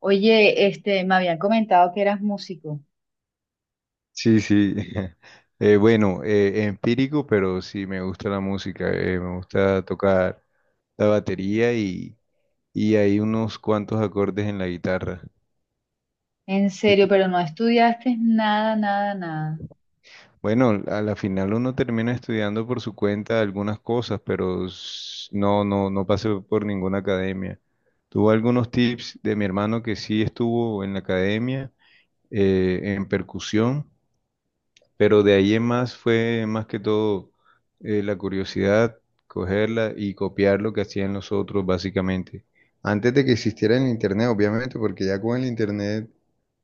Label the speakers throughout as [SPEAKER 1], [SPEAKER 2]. [SPEAKER 1] Oye, este, me habían comentado que eras músico.
[SPEAKER 2] Sí, sí. Bueno, empírico, pero sí me gusta la música. Me gusta tocar la batería y hay unos cuantos acordes en la guitarra.
[SPEAKER 1] En
[SPEAKER 2] Y
[SPEAKER 1] serio,
[SPEAKER 2] tú,
[SPEAKER 1] pero no estudiaste nada, nada, nada.
[SPEAKER 2] bueno, a la final uno termina estudiando por su cuenta algunas cosas, pero no, no, no pasé por ninguna academia. Tuve algunos tips de mi hermano que sí estuvo en la academia en percusión. Pero de ahí en más fue más que todo, la curiosidad, cogerla y copiar lo que hacían los otros básicamente. Antes de que existiera el internet, obviamente, porque ya con el internet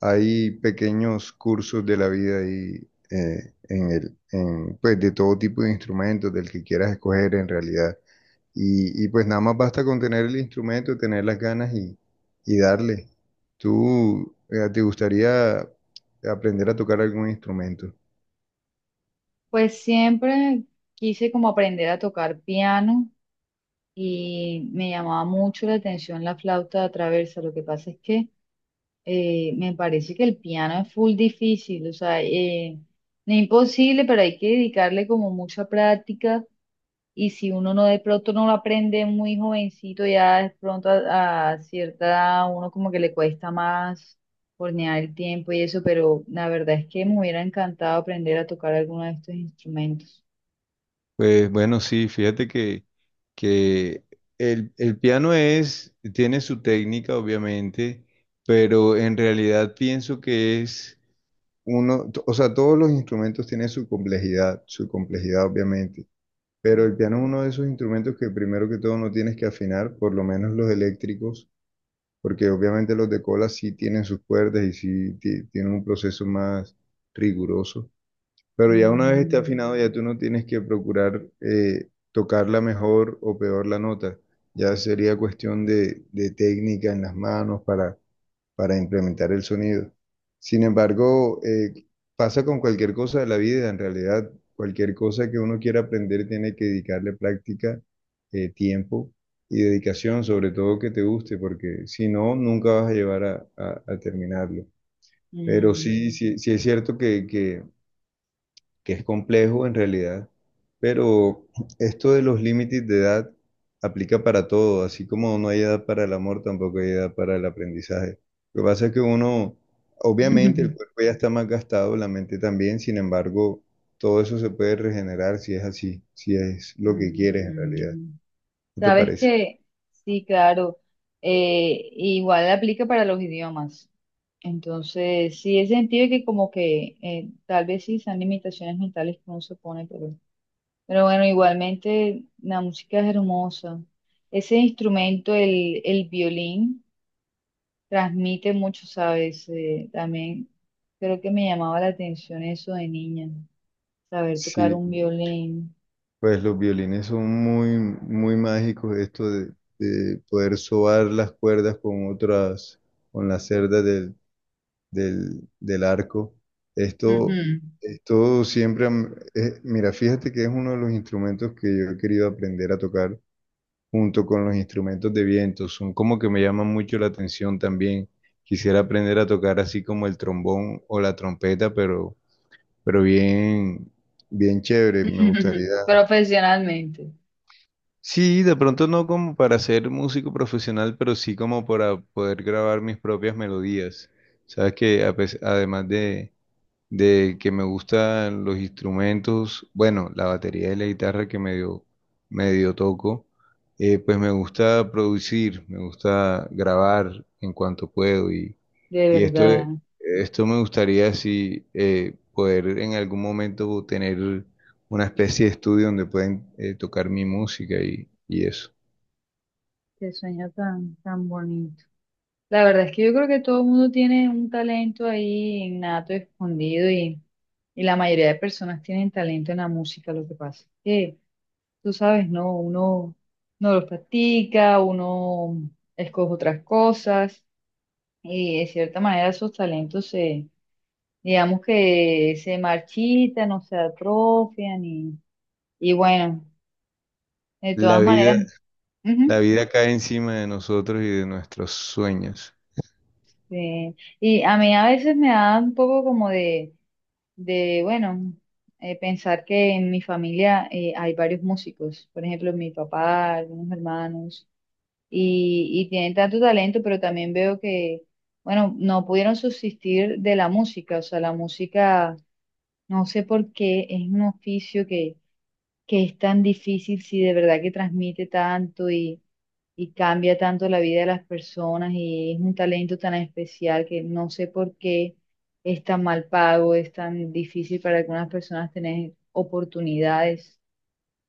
[SPEAKER 2] hay pequeños cursos de la vida y pues de todo tipo de instrumentos, del que quieras escoger en realidad. Y pues nada más basta con tener el instrumento, tener las ganas y darle. ¿Tú te gustaría aprender a tocar algún instrumento?
[SPEAKER 1] Pues siempre quise como aprender a tocar piano y me llamaba mucho la atención la flauta traversa. Lo que pasa es que me parece que el piano es full difícil, o sea, no es imposible, pero hay que dedicarle como mucha práctica. Y si uno no de pronto no lo aprende muy jovencito, ya de pronto a cierta edad uno como que le cuesta más hornear el tiempo y eso, pero la verdad es que me hubiera encantado aprender a tocar alguno de estos instrumentos.
[SPEAKER 2] Pues bueno, sí, que el piano tiene su técnica, obviamente, pero en realidad pienso que es o sea, todos los instrumentos tienen su complejidad, obviamente, pero el piano es uno de esos instrumentos que primero que todo no tienes que afinar, por lo menos los eléctricos, porque obviamente los de cola sí tienen sus cuerdas y sí tienen un proceso más riguroso. Pero ya una vez esté
[SPEAKER 1] Ujú.
[SPEAKER 2] afinado, ya tú no tienes que procurar tocarla mejor o peor la nota. Ya sería cuestión de técnica en las manos para implementar el sonido. Sin embargo, pasa con cualquier cosa de la vida, en realidad, cualquier cosa que uno quiera aprender tiene que dedicarle práctica, tiempo y dedicación, sobre todo que te guste, porque si no, nunca vas a llevar a terminarlo.
[SPEAKER 1] Mm,
[SPEAKER 2] Pero
[SPEAKER 1] mm.
[SPEAKER 2] sí, sí, sí es cierto que que es complejo en realidad, pero esto de los límites de edad aplica para todo, así como no hay edad para el amor, tampoco hay edad para el aprendizaje. Lo que pasa es que uno, obviamente el cuerpo ya está más gastado, la mente también, sin embargo, todo eso se puede regenerar si es así, si es lo que
[SPEAKER 1] Mm,
[SPEAKER 2] quieres en realidad.
[SPEAKER 1] mm.
[SPEAKER 2] ¿No te
[SPEAKER 1] Sabes
[SPEAKER 2] parece?
[SPEAKER 1] que sí, claro, igual aplica para los idiomas. Entonces, sí, he sentido que como que tal vez sí sean limitaciones mentales que uno se pone, pero bueno, igualmente la música es hermosa. Ese instrumento, el violín, transmite mucho, ¿sabes? También creo que me llamaba la atención eso de niña, saber tocar
[SPEAKER 2] Sí,
[SPEAKER 1] un violín.
[SPEAKER 2] pues los violines son muy, muy mágicos, esto de poder sobar las cuerdas con otras, con las cerdas del arco. Esto,
[SPEAKER 1] Ujú.
[SPEAKER 2] Esto siempre, mira, fíjate que es uno de los instrumentos que yo he querido aprender a tocar junto con los instrumentos de viento. Son como que me llaman mucho la atención también. Quisiera aprender a tocar así como el trombón o la trompeta, pero bien, bien chévere, me gustaría.
[SPEAKER 1] Profesionalmente,
[SPEAKER 2] Sí, de pronto no como para ser músico profesional, pero sí como para poder grabar mis propias melodías. Sabes que además de que me gustan los instrumentos, bueno, la batería y la guitarra que medio, medio toco, pues me gusta producir, me gusta grabar en cuanto puedo y,
[SPEAKER 1] de
[SPEAKER 2] y esto, Ok.
[SPEAKER 1] verdad.
[SPEAKER 2] Esto me gustaría si poder en algún momento tener una especie de estudio donde pueden tocar mi música y eso.
[SPEAKER 1] Qué sueño tan, tan bonito. La verdad es que yo creo que todo el mundo tiene un talento ahí innato, escondido y... y la mayoría de personas tienen talento en la música, lo que pasa es que tú sabes, ¿no? Uno no los practica, uno escoge otras cosas y de cierta manera esos talentos se, digamos que se marchitan o se atrofian y bueno, de
[SPEAKER 2] La
[SPEAKER 1] todas
[SPEAKER 2] vida,
[SPEAKER 1] maneras,
[SPEAKER 2] la
[SPEAKER 1] ujú,
[SPEAKER 2] vida cae encima de nosotros y de nuestros sueños.
[SPEAKER 1] eh, y a mí a veces me da un poco como de bueno, pensar que en mi familia hay varios músicos, por ejemplo, mi papá, algunos hermanos. Y, y tienen tanto talento, pero también veo que, bueno, no pudieron subsistir de la música, o sea, la música, no sé por qué, es un oficio que es tan difícil si de verdad que transmite tanto y cambia tanto la vida de las personas y es un talento tan especial que no sé por qué es tan mal pago, es tan difícil para algunas personas tener oportunidades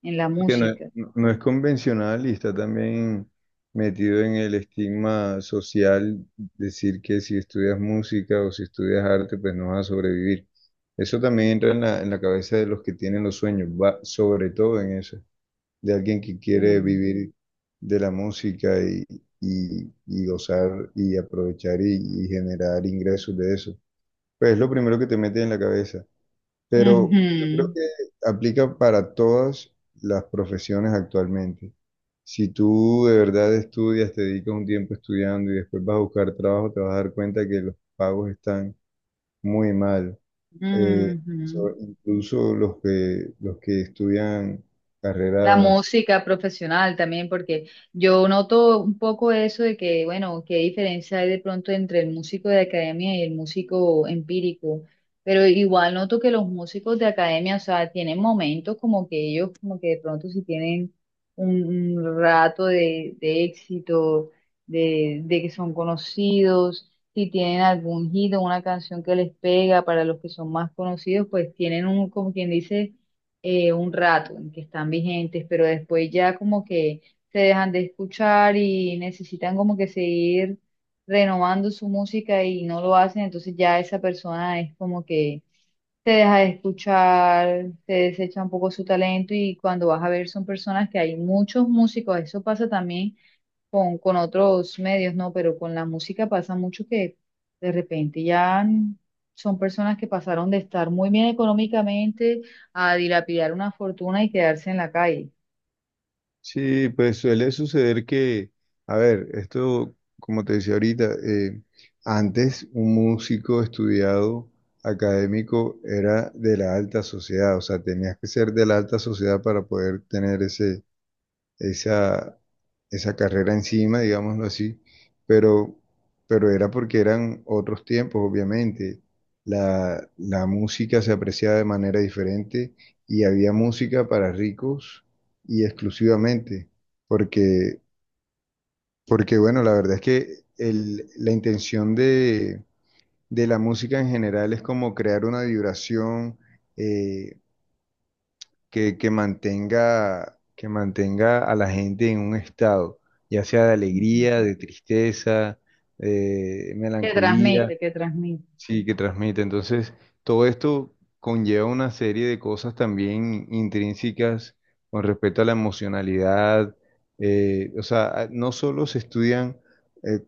[SPEAKER 1] en la
[SPEAKER 2] Porque no,
[SPEAKER 1] música.
[SPEAKER 2] no es convencional y está también metido en el estigma social decir que si estudias música o si estudias arte, pues no vas a sobrevivir. Eso también entra en en la cabeza de los que tienen los sueños, va sobre todo en eso, de alguien que quiere
[SPEAKER 1] Mm.
[SPEAKER 2] vivir de la música y gozar y aprovechar y generar ingresos de eso. Pues es lo primero que te mete en la cabeza. Pero yo creo
[SPEAKER 1] Ujú.
[SPEAKER 2] que aplica para todas las profesiones actualmente. Si tú de verdad estudias, te dedicas un tiempo estudiando y después vas a buscar trabajo, te vas a dar cuenta que los pagos están muy mal. Eh,
[SPEAKER 1] Ujú.
[SPEAKER 2] Incluso los que estudian
[SPEAKER 1] La
[SPEAKER 2] carreras.
[SPEAKER 1] música profesional también, porque yo noto un poco eso de que, bueno, qué diferencia hay de pronto entre el músico de academia y el músico empírico, pero igual noto que los músicos de academia, o sea, tienen momentos como que ellos, como que de pronto si tienen un rato de éxito, de que son conocidos, si tienen algún hit o una canción que les pega para los que son más conocidos, pues tienen un, como quien dice, un rato en que están vigentes, pero después ya como que se dejan de escuchar y necesitan como que seguir renovando su música y no lo hacen, entonces ya esa persona es como que se deja de escuchar, se desecha un poco su talento y cuando vas a ver son personas que hay muchos músicos, eso pasa también con otros medios, ¿no? Pero con la música pasa mucho que de repente ya son personas que pasaron de estar muy bien económicamente a dilapidar una fortuna y quedarse en la calle.
[SPEAKER 2] Sí, pues suele suceder que, a ver, esto, como te decía ahorita, antes un músico estudiado académico era de la alta sociedad, o sea, tenías que ser de la alta sociedad para poder tener esa, esa carrera encima, digámoslo así, pero, pero era porque eran otros tiempos, obviamente. La música se apreciaba de manera diferente y había música para ricos y exclusivamente, porque, porque bueno, la verdad es que la intención de la música en general es como crear una vibración, eh, que mantenga a la gente en un estado, ya sea de
[SPEAKER 1] Ujú.
[SPEAKER 2] alegría, de tristeza, de
[SPEAKER 1] Que
[SPEAKER 2] melancolía,
[SPEAKER 1] transmite, que transmite.
[SPEAKER 2] sí, que transmite. Entonces, todo esto conlleva una serie de cosas también intrínsecas con respecto a la emocionalidad. O sea, no solo se estudian eh,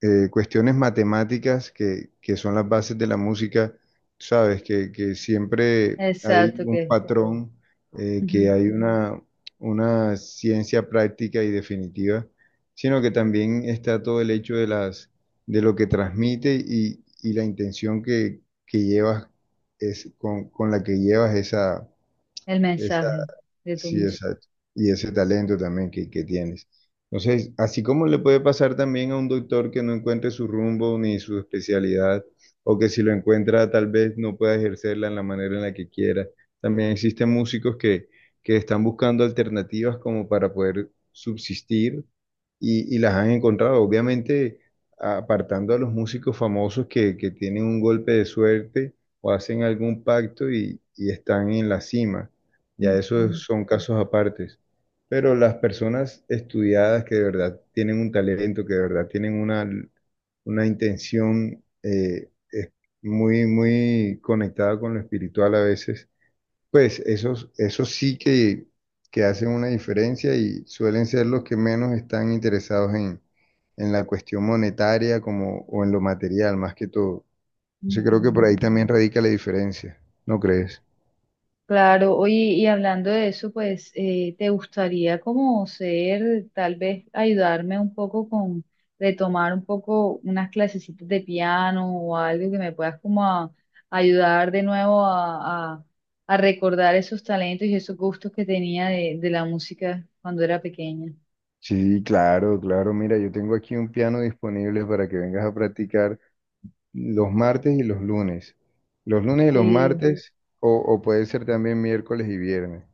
[SPEAKER 2] cuestiones matemáticas que son las bases de la música, sabes, que siempre hay
[SPEAKER 1] Exacto,
[SPEAKER 2] un
[SPEAKER 1] que
[SPEAKER 2] patrón, que
[SPEAKER 1] ujú,
[SPEAKER 2] hay una ciencia práctica y definitiva, sino que también está todo el hecho de las, de lo que transmite y la intención que llevas es con la que llevas esa,
[SPEAKER 1] el
[SPEAKER 2] esa
[SPEAKER 1] mensaje de tu
[SPEAKER 2] Sí,
[SPEAKER 1] música.
[SPEAKER 2] exacto. Y ese talento también que tienes. Entonces, así como le puede pasar también a un doctor que no encuentre su rumbo ni su especialidad, o que si lo encuentra tal vez no pueda ejercerla en la manera en la que quiera, también existen músicos que están buscando alternativas como para poder subsistir y las han encontrado. Obviamente, apartando a los músicos famosos que tienen un golpe de suerte o hacen algún pacto y están en la cima, ya esos
[SPEAKER 1] Ujú,
[SPEAKER 2] son casos apartes. Pero las personas estudiadas que de verdad tienen un talento, que de verdad tienen una intención, es muy, muy conectada con lo espiritual a veces, pues esos, que hacen una diferencia y suelen ser los que menos están interesados en la cuestión monetaria, como o en lo material más que todo. Entonces creo que por
[SPEAKER 1] ujú.
[SPEAKER 2] ahí también radica la diferencia, ¿no crees?
[SPEAKER 1] Claro, oye, y hablando de eso, pues, ¿te gustaría como ser, tal vez ayudarme un poco con retomar un poco unas clasecitas de piano o algo que me puedas como ayudar de nuevo a, a recordar esos talentos y esos gustos que tenía de la música cuando era pequeña?
[SPEAKER 2] Sí, claro, claro. Mira, yo tengo aquí un piano disponible para que vengas a practicar los martes y los lunes. Los lunes y los
[SPEAKER 1] Sí.
[SPEAKER 2] martes, o puede ser también miércoles y viernes.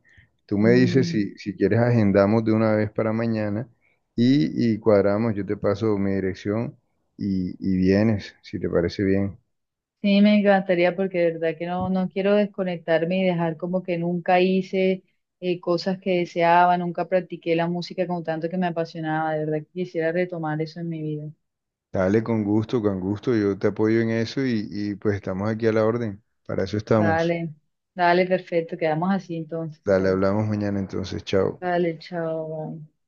[SPEAKER 2] Tú me dices
[SPEAKER 1] Mm.
[SPEAKER 2] si, si quieres agendamos de una vez para mañana y cuadramos, yo te paso mi dirección y vienes, si te parece bien.
[SPEAKER 1] Sí, me encantaría porque de verdad que no, no quiero desconectarme y dejar como que nunca hice cosas que deseaba, nunca practiqué la música con tanto que me apasionaba. De verdad que quisiera retomar eso en mi vida.
[SPEAKER 2] Dale, con gusto, yo te apoyo en eso y pues estamos aquí a la orden. Para eso estamos.
[SPEAKER 1] Dale, dale, perfecto, quedamos así entonces.
[SPEAKER 2] Dale, hablamos mañana entonces, chao.
[SPEAKER 1] Dale, chao. Bye.